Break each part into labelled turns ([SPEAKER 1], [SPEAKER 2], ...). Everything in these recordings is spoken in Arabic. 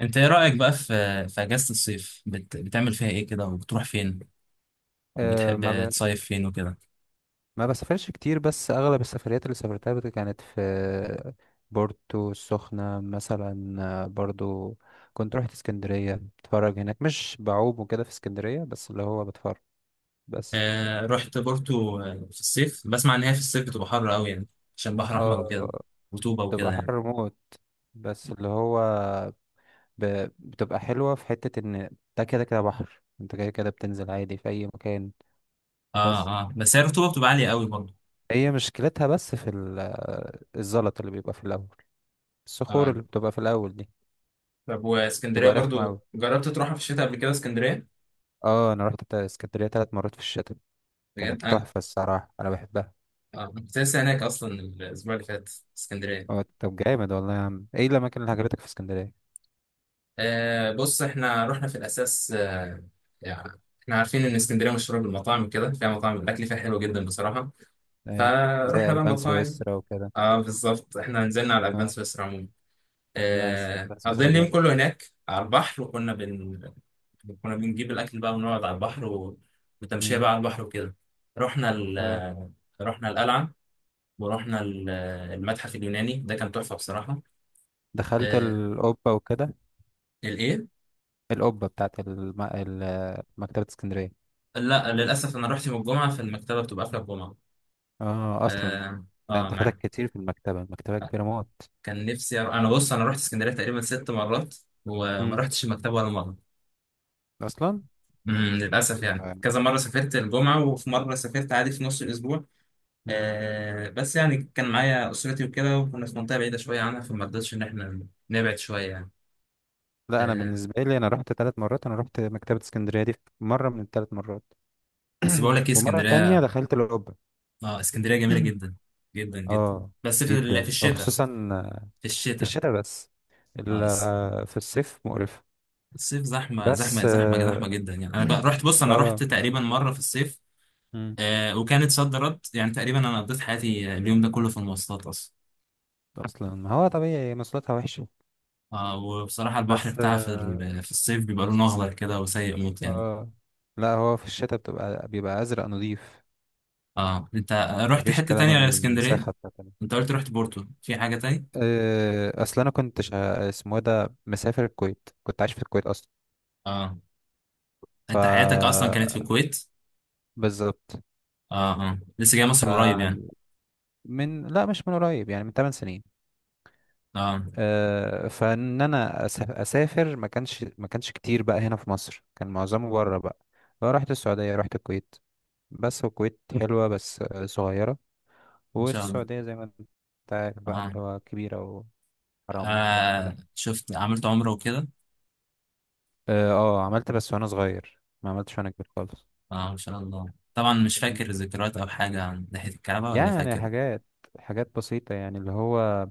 [SPEAKER 1] انت ايه رأيك بقى في اجازة الصيف، بتعمل فيها ايه كده، وبتروح فين،
[SPEAKER 2] آه،
[SPEAKER 1] وبتحب تصيف فين وكده؟
[SPEAKER 2] ما بسافرش كتير، بس اغلب السفريات اللي سافرتها كانت في بورتو السخنة مثلا. برضو كنت رحت اسكندرية، بتفرج هناك، مش بعوم وكده في اسكندرية، بس اللي هو بتفرج بس.
[SPEAKER 1] آه، رحت بورتو. في الصيف بسمع ان هي في الصيف بتبقى حر قوي يعني، عشان بحر احمر
[SPEAKER 2] اه،
[SPEAKER 1] وكده، رطوبة وكده
[SPEAKER 2] بتبقى
[SPEAKER 1] يعني.
[SPEAKER 2] حر موت، بس اللي هو ب... بتبقى حلوة في حتة ان ده كده كده بحر، انت كده كده بتنزل عادي في اي مكان.
[SPEAKER 1] اه،
[SPEAKER 2] بس
[SPEAKER 1] اه، بس هي الرطوبة بتبقى عالية قوي برضه.
[SPEAKER 2] هي مشكلتها بس في الزلط اللي بيبقى في الاول، الصخور
[SPEAKER 1] اه،
[SPEAKER 2] اللي بتبقى في الاول دي
[SPEAKER 1] طب واسكندرية
[SPEAKER 2] تبقى رخمة
[SPEAKER 1] برضو
[SPEAKER 2] أوي.
[SPEAKER 1] جربت
[SPEAKER 2] اه، انا رحت اسكندرية ثلاث مرات في الشتاء، كانت
[SPEAKER 1] تروحها؟
[SPEAKER 2] تحفة الصراحة، انا بحبها. اه طب جامد والله يا عم، ايه الاماكن اللي عجبتك في اسكندرية؟
[SPEAKER 1] آه، بص احنا رحنا في الاساس. يعني احنا عارفين ان اسكندريه مشهوره بالمطاعم وكده، فيها مطاعم الاكل فيها حلو جدا بصراحه.
[SPEAKER 2] ايه، زي
[SPEAKER 1] فروحنا بقى
[SPEAKER 2] البان
[SPEAKER 1] مطاعم.
[SPEAKER 2] سويسرا وكده.
[SPEAKER 1] اه، بالظبط احنا نزلنا على الابان
[SPEAKER 2] اه
[SPEAKER 1] سويسرا عموما.
[SPEAKER 2] لا، البان سويسرا
[SPEAKER 1] قضينا اليوم
[SPEAKER 2] جامد.
[SPEAKER 1] كله هناك على البحر، وكنا كنا بنجيب الاكل بقى، ونقعد على البحر وتمشيه
[SPEAKER 2] مم.
[SPEAKER 1] بقى على البحر وكده. رحنا ال...
[SPEAKER 2] اه،
[SPEAKER 1] آه، رحنا القلعه. ورحنا المتحف اليوناني ده كان تحفه بصراحه.
[SPEAKER 2] دخلت
[SPEAKER 1] آه.
[SPEAKER 2] القبة وكده،
[SPEAKER 1] الايه؟
[SPEAKER 2] القبة بتاعت مكتبة اسكندرية.
[SPEAKER 1] لا، للاسف انا رحت يوم الجمعه، فالمكتبه بتبقى قافله الجمعه.
[SPEAKER 2] اه اصلا.
[SPEAKER 1] اه.
[SPEAKER 2] ده انت فاتك
[SPEAKER 1] معاك.
[SPEAKER 2] كتير في المكتبة، المكتبة كبيرة موت.
[SPEAKER 1] كان نفسي أروح. بص انا رحت اسكندريه تقريبا ست مرات، وما
[SPEAKER 2] مم.
[SPEAKER 1] رحتش المكتبه ولا مره.
[SPEAKER 2] اصلا.
[SPEAKER 1] للاسف يعني
[SPEAKER 2] آه.
[SPEAKER 1] كذا مره سافرت الجمعه، وفي مره سافرت عادي في نص الاسبوع.
[SPEAKER 2] مم.
[SPEAKER 1] بس يعني كان معايا اسرتي وكده، وكنا في منطقه بعيده شويه عنها، فما رضيتش ان احنا نبعد شويه يعني.
[SPEAKER 2] لا، انا
[SPEAKER 1] آه
[SPEAKER 2] بالنسبة لي انا رحت 3 مرات، انا رحت مكتبة اسكندرية دي في مرة من الثلاث مرات.
[SPEAKER 1] بس بقول لك ايه
[SPEAKER 2] ومرة تانية
[SPEAKER 1] اسكندريه.
[SPEAKER 2] دخلت القبة.
[SPEAKER 1] اه، اسكندريه جميله جدا جدا جدا.
[SPEAKER 2] اه،
[SPEAKER 1] بس في
[SPEAKER 2] جدا
[SPEAKER 1] الشتاء.
[SPEAKER 2] وخصوصا
[SPEAKER 1] في
[SPEAKER 2] في
[SPEAKER 1] الشتاء.
[SPEAKER 2] الشتاء، بس
[SPEAKER 1] اه.
[SPEAKER 2] في الصيف مقرفة.
[SPEAKER 1] الصيف زحمه
[SPEAKER 2] بس
[SPEAKER 1] زحمه زحمه زحمه جدا يعني. انا بقى- رحت بص انا رحت
[SPEAKER 2] آه،
[SPEAKER 1] تقريبا مره في الصيف.
[SPEAKER 2] مم.
[SPEAKER 1] وكانت صد رد يعني، تقريبا انا قضيت حياتي اليوم ده كله في المواصلات اصلا.
[SPEAKER 2] اصلا، ما هو طبيعي مواصلاتها وحشة.
[SPEAKER 1] وبصراحه البحر
[SPEAKER 2] بس
[SPEAKER 1] بتاعها في ال- في الصيف بيبقى لونه اخضر كده وسيء موت يعني.
[SPEAKER 2] آه. لا، هو في الشتاء بيبقى ازرق نظيف،
[SPEAKER 1] اه. انت رحت
[SPEAKER 2] مفيش
[SPEAKER 1] حته
[SPEAKER 2] كلام،
[SPEAKER 1] تانية غير اسكندريه؟
[SPEAKER 2] المساحة بتاعتنا.
[SPEAKER 1] انت قلت رحت بورتو، في حاجه تانية؟
[SPEAKER 2] اصل انا كنت اسمه إيه ده، مسافر الكويت، كنت عايش في الكويت اصلا.
[SPEAKER 1] اه،
[SPEAKER 2] ف
[SPEAKER 1] انت حياتك اصلا كانت في الكويت؟
[SPEAKER 2] بالظبط.
[SPEAKER 1] اه، اه، لسه جاي مصر قريب يعني.
[SPEAKER 2] من، لا، مش من قريب، يعني من 8 سنين.
[SPEAKER 1] اه،
[SPEAKER 2] فان انا اسافر ما كانش كتير بقى هنا في مصر، كان معظمه بره بقى، رحت السعودية، رحت الكويت. بس الكويت حلوة، بس صغيرة.
[SPEAKER 1] ان شاء الله.
[SPEAKER 2] والسعودية زي ما انت عارف بقى
[SPEAKER 1] اه،
[SPEAKER 2] اللي هو كبيرة، وحرام والحاجات دي كلها.
[SPEAKER 1] شفت عملت عمره وكده؟
[SPEAKER 2] اه، عملت بس وانا صغير، ما عملتش وانا كبير خالص.
[SPEAKER 1] اه، ان شاء الله. طبعا مش
[SPEAKER 2] م.
[SPEAKER 1] فاكر ذكريات او حاجه عن ناحيه الكعبه، ولا
[SPEAKER 2] يعني
[SPEAKER 1] فاكر؟
[SPEAKER 2] حاجات، حاجات بسيطة، يعني اللي هو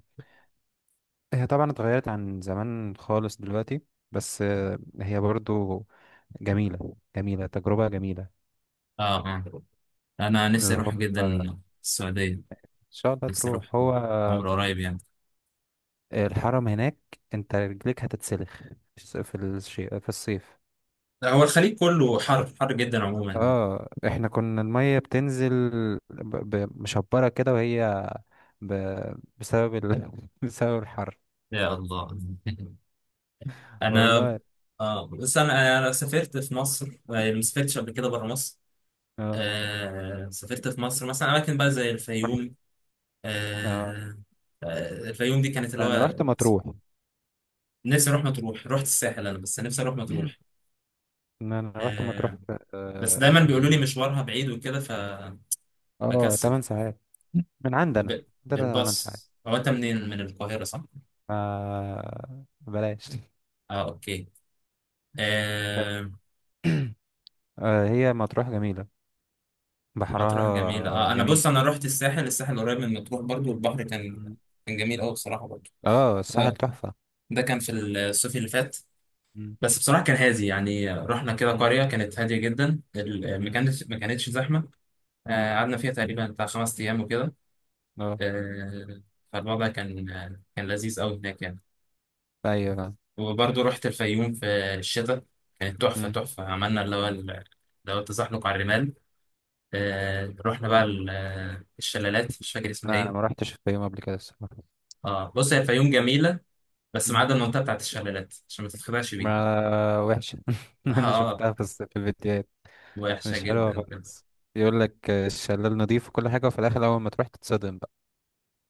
[SPEAKER 2] هي طبعا اتغيرت عن زمان خالص دلوقتي، بس هي برضو جميلة، جميلة، تجربة جميلة.
[SPEAKER 1] اه، اه، انا نفسي
[SPEAKER 2] اللي هو
[SPEAKER 1] اروح جدا.
[SPEAKER 2] إن
[SPEAKER 1] السعوديه.
[SPEAKER 2] شاء الله
[SPEAKER 1] نفسي أروح
[SPEAKER 2] تروح، هو
[SPEAKER 1] عمر قريب يعني.
[SPEAKER 2] الحرم هناك أنت رجليك هتتسلخ في الشيء، في الصيف.
[SPEAKER 1] لا، هو الخليج كله حر، حر جدا عموما.
[SPEAKER 2] اه، احنا كنا المية بتنزل مشبرة كده، وهي ب... بسبب بسبب الحر،
[SPEAKER 1] يا الله. أنا.
[SPEAKER 2] والله.
[SPEAKER 1] بس أنا سافرت في مصر، يعني ما
[SPEAKER 2] مم.
[SPEAKER 1] سافرتش قبل كده بره مصر.
[SPEAKER 2] اه،
[SPEAKER 1] سافرت في مصر مثلا أماكن بقى زي
[SPEAKER 2] رحت.
[SPEAKER 1] الفيوم.
[SPEAKER 2] اه
[SPEAKER 1] آه الفيوم دي كانت اللي
[SPEAKER 2] لا، انا رحت
[SPEAKER 1] هو.
[SPEAKER 2] مطروح.
[SPEAKER 1] نفسي أروح مطروح. رحت الساحل أنا، بس نفسي أروح مطروح.
[SPEAKER 2] إن انا رحت
[SPEAKER 1] آه
[SPEAKER 2] مطروح في،
[SPEAKER 1] بس دايما بيقولوا لي مشوارها بعيد وكده،
[SPEAKER 2] 8
[SPEAKER 1] بكسل.
[SPEAKER 2] ساعات من عندنا، عندنا 8
[SPEAKER 1] بالباص.
[SPEAKER 2] ساعات.
[SPEAKER 1] هو أنت منين من القاهرة صح؟
[SPEAKER 2] بلاش.
[SPEAKER 1] اه، اوكي. آه
[SPEAKER 2] هي مطروح جميلة،
[SPEAKER 1] مطروح جميلة.
[SPEAKER 2] بحرها
[SPEAKER 1] اه، انا
[SPEAKER 2] جميل.
[SPEAKER 1] بص انا رحت الساحل. الساحل قريب من مطروح برضو، والبحر كان
[SPEAKER 2] مم.
[SPEAKER 1] كان جميل قوي بصراحة برضو.
[SPEAKER 2] اه، الساحل
[SPEAKER 1] آه.
[SPEAKER 2] تحفة.
[SPEAKER 1] ده كان في الصيف اللي فات.
[SPEAKER 2] مم.
[SPEAKER 1] بس بصراحة كان هادي يعني، رحنا كده
[SPEAKER 2] مم.
[SPEAKER 1] قرية كانت هادية جدا، ما
[SPEAKER 2] مم.
[SPEAKER 1] كانتش ما كانتش زحمة.
[SPEAKER 2] مم.
[SPEAKER 1] قعدنا فيها تقريبا بتاع خمس أيام وكده.
[SPEAKER 2] اه
[SPEAKER 1] آه، فالوضع كان لذيذ قوي هناك يعني.
[SPEAKER 2] ايوه، فاهم.
[SPEAKER 1] وبرضو رحت الفيوم في الشتاء. كانت تحفة
[SPEAKER 2] مم.
[SPEAKER 1] تحفة. عملنا اللي هو التزحلق على الرمال. رحنا بقى
[SPEAKER 2] مم.
[SPEAKER 1] الشلالات، مش فاكر اسمها
[SPEAKER 2] لا، انا ما
[SPEAKER 1] إيه.
[SPEAKER 2] رحتش في يوم قبل كده الصراحة.
[SPEAKER 1] اه، بص هي الفيوم جميلة، بس ما
[SPEAKER 2] مم.
[SPEAKER 1] عدا المنطقة بتاعت الشلالات، عشان ما تتخدعش بيها.
[SPEAKER 2] ما وحشة. انا
[SPEAKER 1] اه. آه،
[SPEAKER 2] شفتها في الفيديوهات،
[SPEAKER 1] وحشة
[SPEAKER 2] مش حلوة
[SPEAKER 1] جدا جدا.
[SPEAKER 2] خالص، يقول لك الشلال نضيف وكل حاجة، وفي الاخر اول ما تروح تتصدم بقى.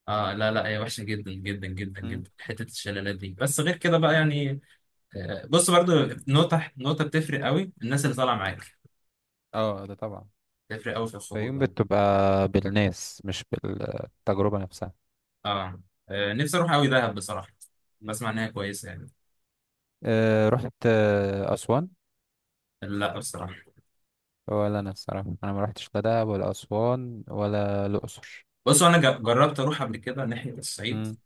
[SPEAKER 1] اه، لا، لا، هي وحشة جدا جدا جدا
[SPEAKER 2] مم.
[SPEAKER 1] جدا حتة الشلالات دي، بس غير كده بقى يعني. بص برضو،
[SPEAKER 2] مم.
[SPEAKER 1] نقطة نقطة، بتفرق قوي الناس اللي طالعة
[SPEAKER 2] مم.
[SPEAKER 1] معاك،
[SPEAKER 2] اه ده طبعا.
[SPEAKER 1] بتفرق قوي في الخروج
[SPEAKER 2] فيوم
[SPEAKER 1] يعني.
[SPEAKER 2] بتبقى بالناس، مش بالتجربة نفسها.
[SPEAKER 1] اه. نفسي اروح قوي دهب بصراحة،
[SPEAKER 2] مم.
[SPEAKER 1] بسمع ان هي كويسة يعني.
[SPEAKER 2] أه، رحت أسوان؟
[SPEAKER 1] لا بصراحة.
[SPEAKER 2] ولا أنا الصراحة أنا ما رحتش لا دهب ولا أسوان ولا الأقصر.
[SPEAKER 1] بص انا جربت اروح قبل كده ناحية الصعيد.
[SPEAKER 2] مم،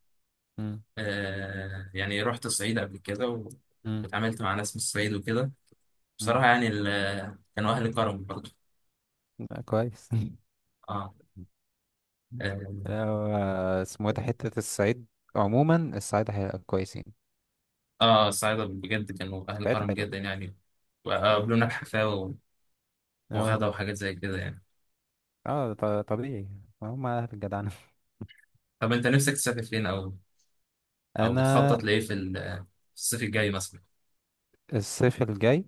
[SPEAKER 2] مم،
[SPEAKER 1] يعني رحت الصعيد قبل كده
[SPEAKER 2] مم،
[SPEAKER 1] اتعاملت مع ناس من الصعيد وكده. بصراحة
[SPEAKER 2] مم.
[SPEAKER 1] يعني كانوا أهل كرم برضه.
[SPEAKER 2] لا، كويس.
[SPEAKER 1] آه آه
[SPEAKER 2] لو اسمه إيه ده حتة الصعيد، عموما الصعيد حلو، كويسين،
[SPEAKER 1] الصعايدة بجد كانوا أهل
[SPEAKER 2] الصعيد
[SPEAKER 1] كرم
[SPEAKER 2] حلو.
[SPEAKER 1] جدا يعني.
[SPEAKER 2] مم.
[SPEAKER 1] وقابلونا بحفاوة،
[SPEAKER 2] اه،
[SPEAKER 1] وغدا وحاجات زي كده يعني.
[SPEAKER 2] اه، طبيعي، هم أهل الجدعنة.
[SPEAKER 1] طب أنت نفسك تسافر فين، أو أو
[SPEAKER 2] أنا.
[SPEAKER 1] بتخطط لإيه في الصيف الجاي مثلا؟
[SPEAKER 2] الصيف الجاي.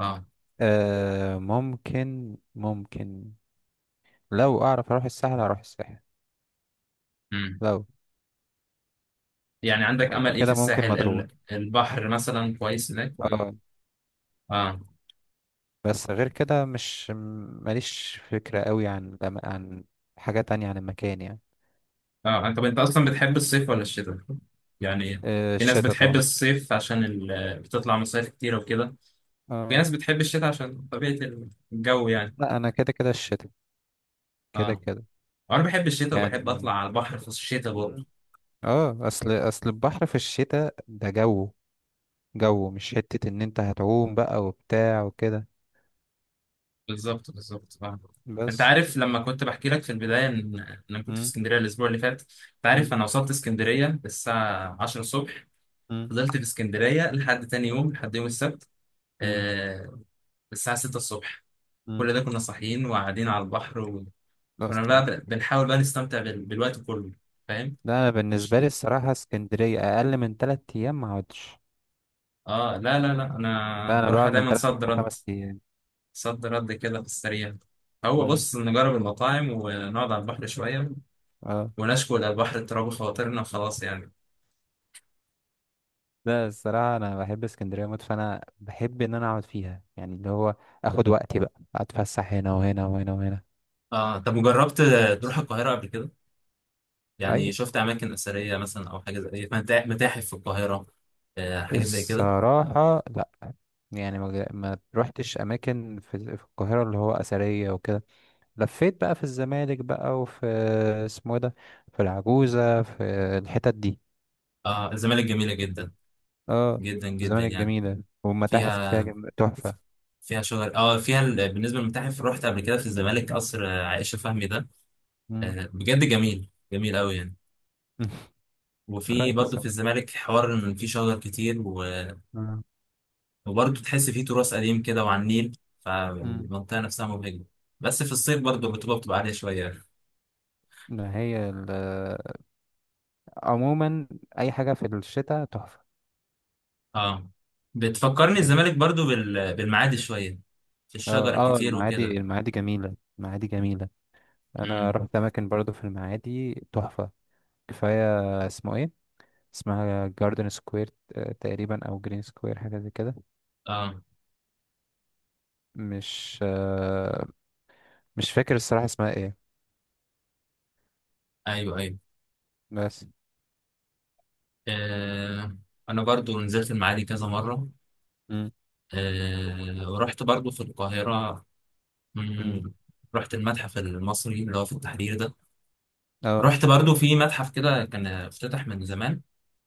[SPEAKER 1] آه.
[SPEAKER 2] ممكن، ممكن، لو اعرف اروح الساحل هروح الساحل.
[SPEAKER 1] مم.
[SPEAKER 2] لو
[SPEAKER 1] يعني عندك
[SPEAKER 2] غير
[SPEAKER 1] أمل إيه في
[SPEAKER 2] كده ممكن
[SPEAKER 1] الساحل،
[SPEAKER 2] مطروح.
[SPEAKER 1] البحر مثلا كويس هناك ولا؟
[SPEAKER 2] اه،
[SPEAKER 1] آه،
[SPEAKER 2] بس غير كده مش ماليش فكرة قوي عن عن حاجة تانية عن المكان، يعني.
[SPEAKER 1] آه. طب أنت أصلا بتحب الصيف ولا الشتاء؟ يعني في ناس
[SPEAKER 2] الشتا
[SPEAKER 1] بتحب
[SPEAKER 2] طبعا.
[SPEAKER 1] الصيف عشان بتطلع مصايف كتير وكده. في
[SPEAKER 2] اه
[SPEAKER 1] ناس بتحب الشتاء عشان طبيعة الجو يعني.
[SPEAKER 2] لا، انا كده كده الشتا، كده
[SPEAKER 1] اه،
[SPEAKER 2] كده
[SPEAKER 1] وانا بحب الشتاء وبحب
[SPEAKER 2] يعني.
[SPEAKER 1] اطلع على البحر في الشتاء برضه.
[SPEAKER 2] مم. اه، اصل البحر في الشتاء ده جو، جو مش حتة ان انت هتعوم بقى وبتاع وكده
[SPEAKER 1] بالظبط، بالظبط، اه. انت
[SPEAKER 2] بس.
[SPEAKER 1] عارف لما كنت بحكي لك في البدايه إن انا كنت في
[SPEAKER 2] مم.
[SPEAKER 1] اسكندريه الاسبوع اللي فات؟ انت عارف،
[SPEAKER 2] مم.
[SPEAKER 1] انا وصلت اسكندريه الساعه 10 الصبح.
[SPEAKER 2] مم.
[SPEAKER 1] فضلت في اسكندريه لحد تاني يوم، لحد يوم السبت.
[SPEAKER 2] مم.
[SPEAKER 1] آه الساعه 6 الصبح.
[SPEAKER 2] مم.
[SPEAKER 1] كل ده كنا صاحيين وقاعدين على البحر، وكنا
[SPEAKER 2] اصلا،
[SPEAKER 1] بقى بنحاول بقى نستمتع بالوقت كله. فاهم؟
[SPEAKER 2] ده انا
[SPEAKER 1] مش.
[SPEAKER 2] بالنسبه لي الصراحه اسكندريه اقل من 3 ايام ما اقعدش،
[SPEAKER 1] اه، لا، لا، لا، انا
[SPEAKER 2] ده انا
[SPEAKER 1] بروح
[SPEAKER 2] بقعد من
[SPEAKER 1] دايما
[SPEAKER 2] ثلاث
[SPEAKER 1] صد رد.
[SPEAKER 2] لخمس ايام.
[SPEAKER 1] صد رد كده في السريع. هو
[SPEAKER 2] امم
[SPEAKER 1] بص نجرب المطاعم ونقعد على البحر شوية،
[SPEAKER 2] اه
[SPEAKER 1] ونشكو إلى البحر اضطراب خواطرنا، وخلاص يعني.
[SPEAKER 2] لا، الصراحه انا بحب اسكندريه موت، فانا بحب ان انا اقعد فيها، يعني اللي هو اخد وقتي بقى، اتفسح هنا وهنا وهنا وهنا.
[SPEAKER 1] اه، طب وجربت
[SPEAKER 2] بس-
[SPEAKER 1] تروح القاهرة قبل كده؟ يعني
[SPEAKER 2] ايوه.
[SPEAKER 1] شفت أماكن أثرية مثلا، أو حاجة زي متاحف في القاهرة؟ حاجة زي كده.
[SPEAKER 2] الصراحه لا، يعني ما روحتش اماكن في القاهره اللي هو اثريه وكده، لفيت بقى في الزمالك بقى، وفي، اسمه إيه ده، في العجوزه، في الحتت دي.
[SPEAKER 1] اه، الزمالك جميلة جدا
[SPEAKER 2] اه،
[SPEAKER 1] جدا جدا
[SPEAKER 2] زمان
[SPEAKER 1] يعني.
[SPEAKER 2] الجميلة والمتاحف اللي فيها
[SPEAKER 1] فيها
[SPEAKER 2] تحفة.
[SPEAKER 1] فيها شجر. بالنسبة للمتاحف رحت قبل كده في الزمالك
[SPEAKER 2] مم.
[SPEAKER 1] قصر عائشة فهمي ده.
[SPEAKER 2] مم.
[SPEAKER 1] بجد جميل جميل أوي يعني. وفي برضه
[SPEAKER 2] كويس
[SPEAKER 1] في
[SPEAKER 2] والله.
[SPEAKER 1] الزمالك حوار إن في شجر كتير،
[SPEAKER 2] آه.
[SPEAKER 1] وبرضه تحس فيه تراث قديم كده وعلى النيل،
[SPEAKER 2] مم.
[SPEAKER 1] فالمنطقة نفسها مبهجة. بس في الصيف برضه الرطوبة بتبقى عالية شوية.
[SPEAKER 2] ما هي ال... عموما أي حاجة في الشتاء تحفة،
[SPEAKER 1] اه، بتفكرني
[SPEAKER 2] يعني.
[SPEAKER 1] الزمالك برضه بالمعادي شوية، في الشجر
[SPEAKER 2] اه، اه،
[SPEAKER 1] الكتير
[SPEAKER 2] المعادي،
[SPEAKER 1] وكده.
[SPEAKER 2] المعادي جميلة، المعادي جميلة. أنا
[SPEAKER 1] امم.
[SPEAKER 2] رحت أماكن برضو في المعادي تحفة. كفاية اسمه إيه، اسمها جاردن سكوير تقريبا، أو جرين سكوير، حاجة زي كده.
[SPEAKER 1] اه،
[SPEAKER 2] مش آه مش فاكر الصراحة اسمها إيه.
[SPEAKER 1] ايوه، ايوه.
[SPEAKER 2] بس.
[SPEAKER 1] آه. انا برضه نزلت المعادي كذا مرة.
[SPEAKER 2] مم.
[SPEAKER 1] آه. ورحت برضه في القاهرة.
[SPEAKER 2] مم.
[SPEAKER 1] مم. رحت المتحف المصري اللي هو في التحرير ده.
[SPEAKER 2] اه.
[SPEAKER 1] رحت برضه في متحف كده كان افتتح من زمان،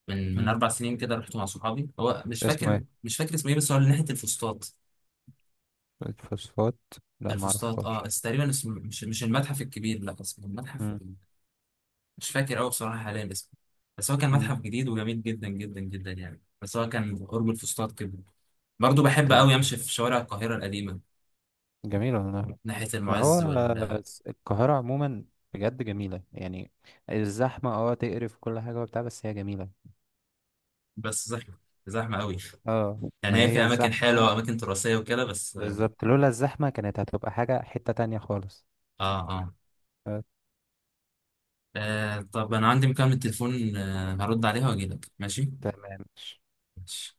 [SPEAKER 1] من
[SPEAKER 2] مم.
[SPEAKER 1] اربع سنين كده. رحت مع صحابي، هو مش
[SPEAKER 2] اسمه
[SPEAKER 1] فاكر
[SPEAKER 2] إيه
[SPEAKER 1] مش فاكر اسمه ايه، بس هو اللي ناحيه الفسطاط.
[SPEAKER 2] الفوسفات؟ لا، ما
[SPEAKER 1] الفسطاط، اه.
[SPEAKER 2] اعرفهاش.
[SPEAKER 1] بس تقريبا اسمه مش المتحف الكبير، لا اسمه المتحف،
[SPEAKER 2] مم.
[SPEAKER 1] مش فاكر قوي بصراحه حاليا اسمه. بس هو كان
[SPEAKER 2] مم.
[SPEAKER 1] متحف جديد وجميل جدا جدا جدا يعني، بس هو كان قرب الفسطاط كده. برضه بحب
[SPEAKER 2] طب
[SPEAKER 1] قوي امشي في شوارع القاهره القديمه،
[SPEAKER 2] جميل والله.
[SPEAKER 1] ناحيه
[SPEAKER 2] ما هو
[SPEAKER 1] المعز وال.
[SPEAKER 2] القاهرة عموما بجد جميلة، يعني الزحمة تقرف كل حاجة وبتاع، بس هي جميلة.
[SPEAKER 1] بس زحمه، زحمه قوي
[SPEAKER 2] اه، ما
[SPEAKER 1] يعني. هي في
[SPEAKER 2] هي
[SPEAKER 1] اماكن
[SPEAKER 2] الزحمة،
[SPEAKER 1] حلوه، اماكن تراثيه وكده، بس اه.
[SPEAKER 2] بالظبط، لولا الزحمة كانت هتبقى حاجة حتة تانية خالص.
[SPEAKER 1] اه،
[SPEAKER 2] آه،
[SPEAKER 1] آه. طب انا عندي مكالمه تليفون، هرد عليها واجي لك ماشي.
[SPEAKER 2] تمام
[SPEAKER 1] ماشي.